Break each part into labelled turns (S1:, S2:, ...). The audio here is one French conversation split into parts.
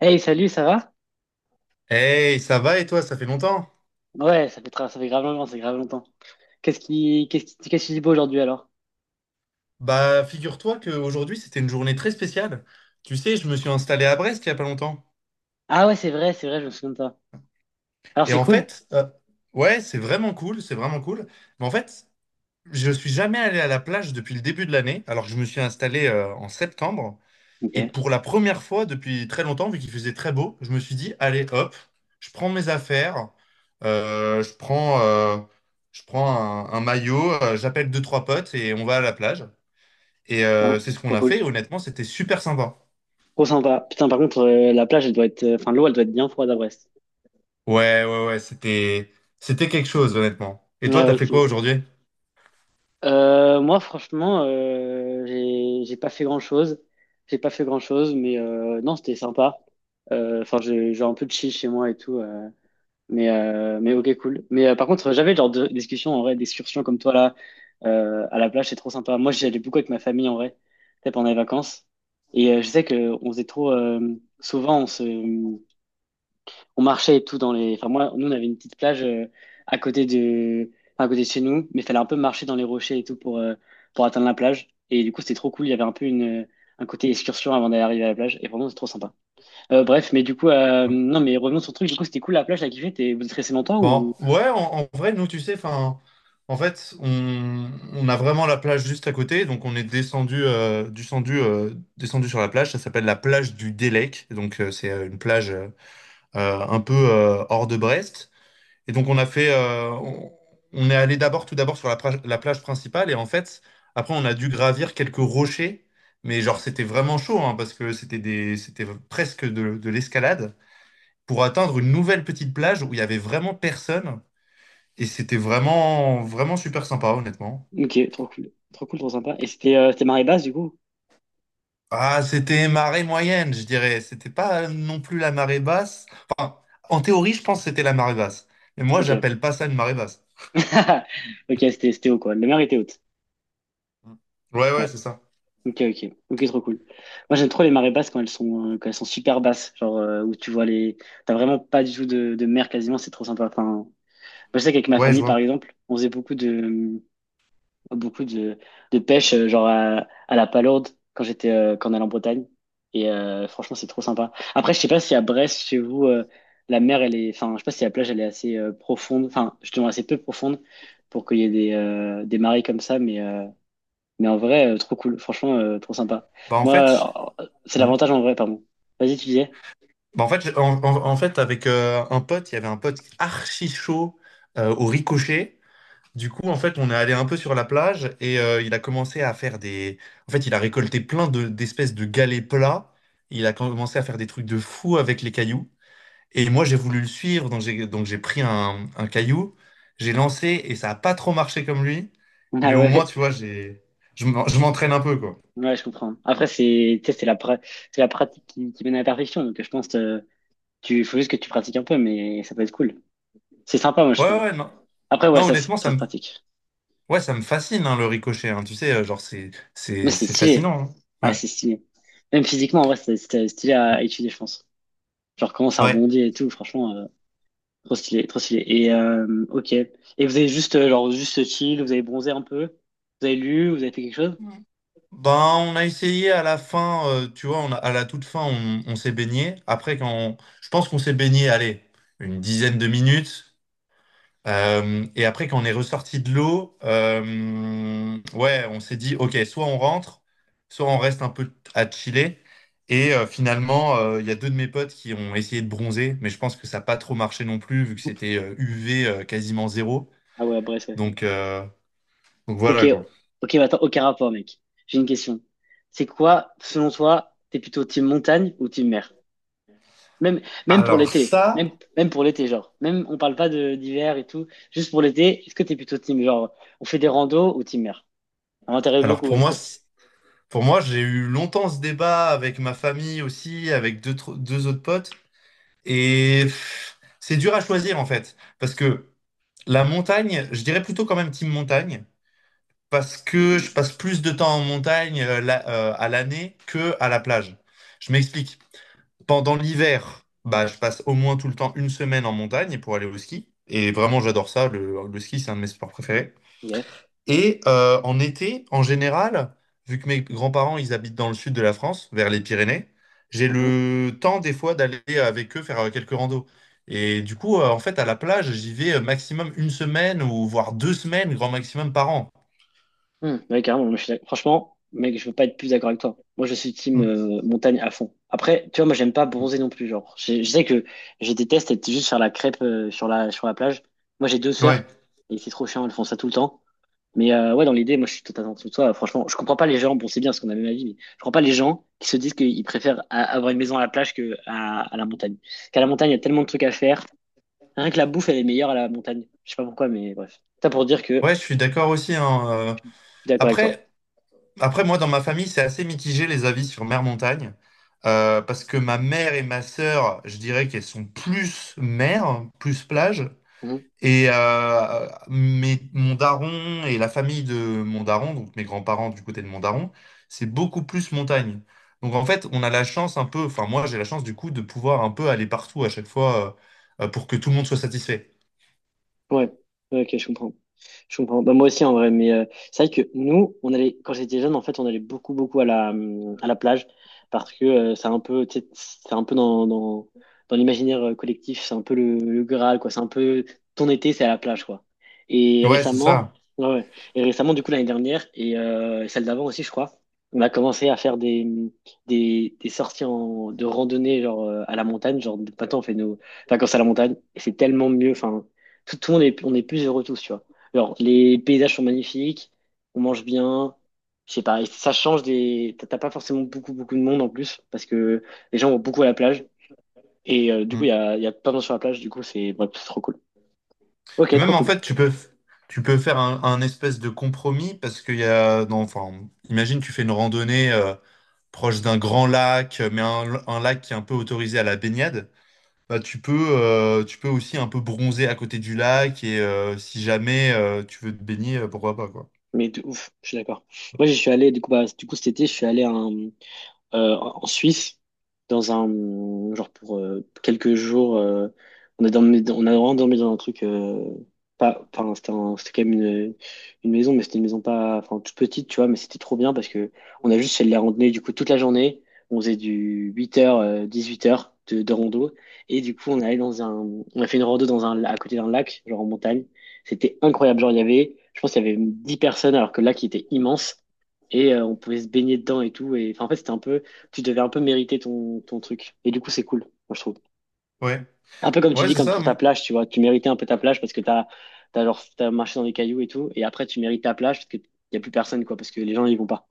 S1: Hey, salut, ça va?
S2: Hey, ça va et toi, ça fait longtemps?
S1: Ouais, ça fait, ça fait grave longtemps, c'est grave longtemps. Qu'est-ce qui dit beau aujourd'hui alors?
S2: Bah, figure-toi qu'aujourd'hui, c'était une journée très spéciale. Tu sais, je me suis installé à Brest il y a pas longtemps.
S1: Ah ouais, c'est vrai, je me souviens de ça. Alors
S2: Et
S1: c'est
S2: en
S1: cool?
S2: fait, ouais, c'est vraiment cool, c'est vraiment cool. Mais en fait, je suis jamais allé à la plage depuis le début de l'année, alors que je me suis installé en septembre. Et
S1: Ok,
S2: pour la première fois depuis très longtemps, vu qu'il faisait très beau, je me suis dit, allez, hop, je prends mes affaires, euh, je prends, euh, je prends un maillot, j'appelle deux, trois potes et on va à la plage. Et
S1: putain,
S2: c'est ce qu'on
S1: trop
S2: a
S1: cool.
S2: fait. Et honnêtement, c'était super sympa.
S1: Trop sympa. Putain, par contre, la plage, elle doit être, enfin, l'eau, elle doit être bien froide à Brest.
S2: Ouais, ouais, ouais, c'était quelque chose, honnêtement. Et
S1: Ouais,
S2: toi, t'as
S1: ouais,
S2: fait
S1: tu
S2: quoi
S1: m'étonnes.
S2: aujourd'hui?
S1: Moi, franchement, j'ai pas fait grand-chose. J'ai pas fait grand-chose, mais non, c'était sympa. Enfin, j'ai un peu de chill chez moi et tout. Mais, ok, cool. Mais par contre, j'avais le genre de discussion en vrai, d'excursion comme toi là, à la plage, c'est trop sympa. Moi, j'y allais beaucoup avec ma famille en vrai, tu sais, pendant les vacances. Et je sais que on faisait trop. Souvent, on marchait et tout dans les. Enfin, moi, nous, on avait une petite plage à côté de chez nous, mais il fallait un peu marcher dans les rochers et tout pour atteindre la plage. Et du coup, c'était trop cool. Il y avait un peu une un côté excursion avant d'arriver à la plage. Et vraiment, c'est trop sympa. Bref, mais du coup,
S2: Ouais.
S1: non, mais revenons sur le truc. Du coup, c'était cool la plage, t'as kiffé. Vous êtes resté longtemps
S2: Bon,
S1: ou?
S2: ouais, en vrai, nous, tu sais, enfin, en fait, on a vraiment la plage juste à côté, donc on est descendu sur la plage. Ça s'appelle la plage du Délec, donc c'est une plage un peu hors de Brest. Et donc on est allé tout d'abord sur la plage principale et en fait, après on a dû gravir quelques rochers, mais genre c'était vraiment chaud hein, parce que c'était presque de l'escalade pour atteindre une nouvelle petite plage où il y avait vraiment personne et c'était vraiment, vraiment super sympa honnêtement.
S1: Ok, trop cool. Trop cool, trop sympa. Et c'était marée basse, du coup?
S2: Ah, c'était marée moyenne, je dirais. C'était pas non plus la marée basse. Enfin, en théorie, je pense que c'était la marée basse. Mais moi,
S1: Ok.
S2: j'appelle pas ça une marée basse.
S1: Ok, c'était haut, quoi. La mer était haute.
S2: Mm. Ouais, ouais,
S1: Ouais.
S2: c'est ça.
S1: Ok, ok. Ok, trop cool. Moi, j'aime trop les marées basses quand elles sont super basses. Genre, où tu vois les. T'as vraiment pas du tout de mer quasiment, c'est trop sympa. Enfin, moi, je sais qu'avec ma
S2: Ouais, je
S1: famille, par
S2: vois.
S1: exemple, on faisait beaucoup de pêche, genre à la Palourde, quand j'étais, quand on allait en Bretagne. Et franchement, c'est trop sympa. Après, je sais pas si à Brest, chez vous, la mer, elle est, enfin, je sais pas si la plage, elle est justement assez peu profonde pour qu'il y ait des marées comme ça, mais en vrai, trop cool. Franchement, trop sympa.
S2: Bah en fait, je-
S1: Moi, c'est
S2: ouais.
S1: l'avantage en vrai, pardon. Vas-y, tu disais?
S2: Bah, en fait, en fait avec un pote, il y avait un pote archi chaud au ricochet. Du coup, en fait, on est allé un peu sur la plage et il a commencé à faire des. En fait, il a récolté plein d'espèces de galets plats. Il a commencé à faire des trucs de fou avec les cailloux. Et moi, j'ai voulu le suivre, donc j'ai pris un caillou, j'ai lancé et ça a pas trop marché comme lui.
S1: Ah
S2: Mais au moins,
S1: ouais,
S2: tu vois, je m'entraîne un peu quoi.
S1: ouais, je comprends. Après, c'est, tu sais, c'est la pratique qui mène à la perfection, donc je pense, faut juste que tu pratiques un peu, mais ça peut être cool. C'est sympa, moi, je
S2: Ouais, ouais,
S1: trouve.
S2: ouais, non.
S1: Après, ouais,
S2: Non,
S1: ça, se-
S2: honnêtement, ça
S1: ça se
S2: me
S1: pratique.
S2: Ouais, ça me fascine, hein, le ricochet. Hein. Tu sais, genre, c'est,
S1: Mais
S2: c'est,
S1: c'est
S2: c'est
S1: stylé.
S2: fascinant. Hein.
S1: Ah,
S2: Ouais.
S1: c'est stylé. Même physiquement, en vrai, c'est stylé à étudier, je pense. Genre, comment ça
S2: Ouais.
S1: rebondit et tout, franchement, trop stylé, trop stylé. Et, ok. Et vous avez juste, genre, juste chill, vous avez bronzé un peu, vous avez lu, vous avez fait quelque chose?
S2: Ben, on a essayé à la fin, tu vois, à la toute fin, on s'est baigné. Après, je pense qu'on s'est baigné, allez, une dizaine de minutes. Et après, quand on est ressorti de l'eau, ouais, on s'est dit, OK, soit on rentre, soit on reste un peu à chiller. Et finalement, il y a deux de mes potes qui ont essayé de bronzer, mais je pense que ça n'a pas trop marché non plus, vu que c'était UV quasiment zéro.
S1: Ah ouais, bref, ouais.
S2: Donc, euh, donc
S1: Ok,
S2: voilà quoi.
S1: ok, mais attends, aucun rapport, mec. J'ai une question. C'est quoi, selon toi, t'es plutôt team montagne ou team mer? Même, même pour
S2: Alors
S1: l'été. Même,
S2: ça,
S1: même pour l'été, genre. Même, on parle pas de d'hiver et tout. Juste pour l'été, est-ce que t'es plutôt team, genre, on fait des randos ou team mer? Ça m'intéresse
S2: alors
S1: beaucoup,
S2: pour
S1: est-ce
S2: moi,
S1: que.
S2: c- pour moi, j'ai eu longtemps ce débat avec ma famille aussi, avec deux autres potes, et pff, c'est dur à choisir en fait, parce que la montagne, je dirais plutôt quand même team montagne, parce que je passe plus de temps en montagne à l'année que à la plage. Je m'explique. Pendant l'hiver, bah, je passe au moins tout le temps une semaine en montagne pour aller au ski, et vraiment j'adore ça. Le ski, c'est un de mes sports préférés.
S1: Yeah.
S2: Et en été, en général, vu que mes grands-parents, ils habitent dans le sud de la France, vers les Pyrénées, j'ai
S1: Mhm.
S2: le temps des fois d'aller avec eux faire quelques randos. Et du coup, en fait, à la plage, j'y vais maximum une semaine ou voire deux semaines, grand maximum par an.
S1: Hmm, ouais, carrément, moi, franchement, mec, je peux pas être plus d'accord avec toi. Moi, je suis team
S2: Mm.
S1: montagne à fond. Après, tu vois, moi, j'aime pas bronzer non plus, genre. Je sais que je déteste être juste sur la crêpe sur la plage. Moi, j'ai deux
S2: Ouais,
S1: sœurs et c'est trop chiant, elles font ça tout le temps. Mais ouais, dans l'idée, moi je suis totalement sous toi. Franchement, je comprends pas les gens. Bon, c'est bien parce qu'on a le même avis, mais je comprends pas les gens qui se disent qu'ils préfèrent avoir une maison à la plage que à la montagne. Qu'à la montagne, il y a tellement de trucs à faire. Rien que la bouffe, elle est meilleure à la montagne. Je sais pas pourquoi, mais bref. Ça pour dire que je
S2: ouais, je suis d'accord aussi. Hein,
S1: suis d'accord avec toi.
S2: Après, après, moi, dans ma famille, c'est assez mitigé les avis sur mer-montagne. Parce que ma mère et ma sœur, je dirais qu'elles sont plus mer, plus plage. Et mais mon daron et la famille de mon daron, donc mes grands-parents du côté de mon daron, c'est beaucoup plus montagne. Donc en fait, on a la chance un peu, enfin moi j'ai la chance du coup de pouvoir un peu aller partout à chaque fois pour que tout le monde soit satisfait.
S1: Ouais, ouais, ok, je comprends. Je comprends. Bah, moi aussi, en vrai, mais c'est vrai que nous, on allait, quand j'étais jeune, en fait, on allait beaucoup, beaucoup à la plage parce que c'est un peu, tu sais, c'est un peu dans l'imaginaire collectif, c'est un peu le Graal, quoi. C'est un peu ton été, c'est à la plage, quoi. Et
S2: Ouais, c'est
S1: récemment,
S2: ça.
S1: ouais, ouais. Et récemment, du coup, l'année dernière et celle d'avant aussi, je crois, on a commencé à faire des sorties en, de randonnée, genre à la montagne. Genre, maintenant, on fait nos, vacances à la montagne et c'est tellement mieux. Enfin, tout le monde est, on est plus heureux tous, tu vois. Alors, les paysages sont magnifiques, on mange bien, je sais pas, et ça change des. T'as pas forcément beaucoup, beaucoup de monde en plus, parce que les gens vont beaucoup à la plage, et du coup, il y
S2: Mm.
S1: a, il y a plein de gens sur la plage, du coup, c'est bref, c'est trop cool.
S2: Et
S1: Ok, trop
S2: même en
S1: cool.
S2: fait, tu peux faire un espèce de compromis parce qu'il y a, non, enfin, imagine tu fais une randonnée proche d'un grand lac, mais un lac qui est un peu autorisé à la baignade. Bah, tu peux aussi un peu bronzer à côté du lac et si jamais tu veux te baigner, pourquoi pas, quoi.
S1: Mais de ouf, je suis d'accord. Moi, je suis allé, du coup, bah, du coup, cet été, je suis allé à un. En Suisse, dans un genre pour quelques jours, on a vraiment dormi dans un truc pas, enfin c'était c'était quand même une maison, mais c'était une maison pas, enfin toute petite, tu vois, mais c'était trop bien parce que on a juste fait de la randonnée du coup toute la journée, on faisait du 8h, 18h de rando et du coup on est allé dans un, on a fait une rando dans un, à côté d'un lac, genre en montagne, c'était incroyable, genre je pense qu'il y avait 10 personnes alors que le lac il était immense et on pouvait se baigner dedans et tout. Et enfin, en fait, c'était un peu tu devais un peu mériter ton truc. Et du coup, c'est cool, moi, je trouve.
S2: Ouais,
S1: Un peu comme tu
S2: ouais,
S1: dis,
S2: c'est
S1: comme
S2: ça.
S1: pour ta
S2: Moi.
S1: plage, tu vois, tu méritais un peu ta plage parce que t'as marché dans les cailloux et tout, et après, tu mérites ta plage parce qu'il n'y a plus personne, quoi, parce que les gens, ils vont pas.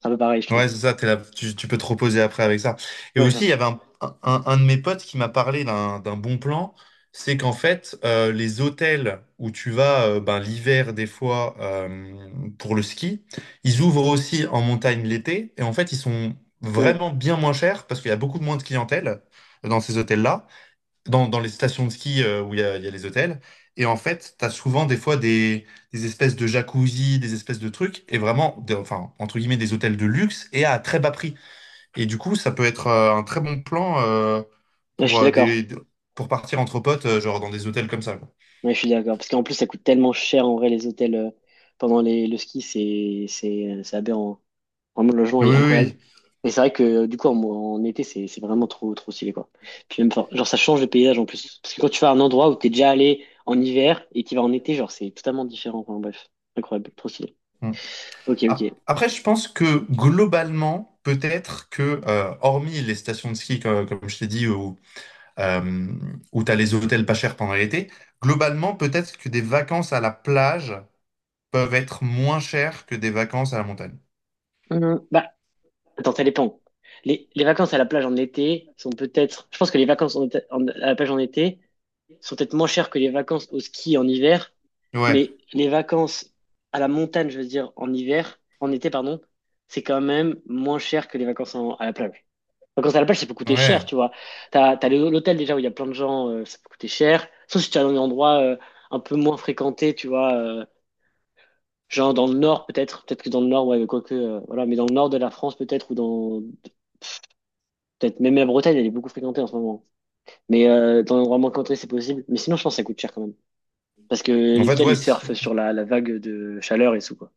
S1: C'est un peu pareil, je trouve.
S2: Ouais, c'est ça, t'es là, tu peux te reposer après avec ça. Et
S1: Ouais, ça.
S2: aussi, il y avait un de mes potes qui m'a parlé d'un bon plan, c'est qu'en fait, les hôtels où tu vas ben, l'hiver des fois pour le ski, ils ouvrent aussi en montagne l'été et en fait, ils sont
S1: Ouais,
S2: vraiment bien moins chers parce qu'il y a beaucoup moins de clientèle dans ces hôtels-là. Dans les stations de ski où il y a les hôtels. Et en fait, tu as souvent des fois des espèces de jacuzzi, des espèces de trucs, et vraiment, enfin, entre guillemets, des hôtels de luxe et à très bas prix. Et du coup, ça peut être un très bon plan
S1: ouais, je
S2: pour,
S1: suis
S2: euh,
S1: d'accord.
S2: des, pour partir entre potes, genre dans des hôtels comme ça, quoi.
S1: Ouais, je suis d'accord. Parce qu'en plus, ça coûte tellement cher, en vrai, les hôtels pendant le ski, c'est aberrant. Vraiment, le logement
S2: Oui,
S1: est incroyable.
S2: oui,
S1: Et c'est vrai que du coup, en été, c'est vraiment trop, trop stylé, quoi. Puis même, enfin, genre, ça change le paysage en plus. Parce que quand tu vas à un endroit où t'es déjà allé en hiver et t'y vas en été, genre, c'est totalement différent. Enfin, bref, incroyable, trop stylé.
S2: oui. Mm.
S1: Ok, ok.
S2: Après, je pense que globalement, peut-être que, hormis les stations de ski, comme je t'ai dit, euh, où tu as les hôtels pas chers pendant l'été. Globalement, peut-être que des vacances à la plage peuvent être moins chères que des vacances à la montagne.
S1: Bah, attends, ça dépend. Les vacances à la plage en été sont peut-être. Je pense que les vacances à la plage en été sont peut-être moins chères que les vacances au ski en hiver,
S2: Ouais,
S1: mais les vacances à la montagne, je veux dire, en hiver, en été, pardon, c'est quand même moins cher que les vacances à la plage. Les vacances à la plage, ça peut coûter cher,
S2: ouais.
S1: tu vois. T'as l'hôtel déjà où il y a plein de gens, ça peut coûter cher. Sauf si tu es dans des endroits un peu moins fréquentés, tu vois, genre dans le nord peut-être, peut-être que dans le nord, ouais, quoique, voilà, mais dans le nord de la France peut-être, ou dans, peut-être même la Bretagne, elle est beaucoup fréquentée en ce moment. Mais dans un endroit moins fréquenté, c'est possible. Mais sinon, je pense que ça coûte cher quand même. Parce que
S2: En
S1: les
S2: fait,
S1: hôtels, ils
S2: ouais,
S1: surfent sur la vague de chaleur et tout, quoi.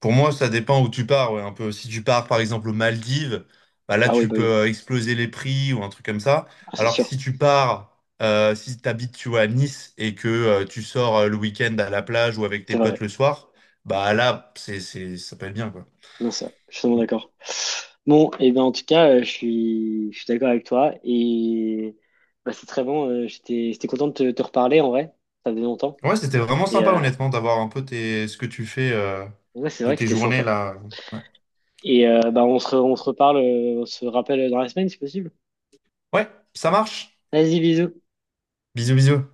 S2: pour moi, ça dépend où tu pars, ouais, un peu. Si tu pars, par exemple, aux Maldives, bah là,
S1: Ah oui,
S2: tu
S1: bah
S2: peux
S1: oui.
S2: exploser les prix ou un truc comme ça.
S1: Ah, c'est
S2: Alors que
S1: sûr.
S2: si tu habites, tu vois, à Nice et que tu sors le week-end à la plage ou avec tes
S1: C'est
S2: potes
S1: vrai.
S2: le soir, bah là, ça peut être bien, quoi.
S1: Non, ça, je suis totalement d'accord. Bon, et ben en tout cas, je suis d'accord avec toi. Et bah, c'est très bon. J'étais content de te reparler en vrai. Ça faisait longtemps.
S2: Ouais, c'était vraiment
S1: Et
S2: sympa, honnêtement, d'avoir un peu ce que tu fais
S1: ouais, c'est
S2: de
S1: vrai que
S2: tes
S1: c'était
S2: journées
S1: sympa.
S2: là. Ouais.
S1: Et bah, on se, re- on se reparle, on se rappelle dans la semaine si possible.
S2: Ouais, ça marche.
S1: Vas-y, bisous.
S2: Bisous, bisous.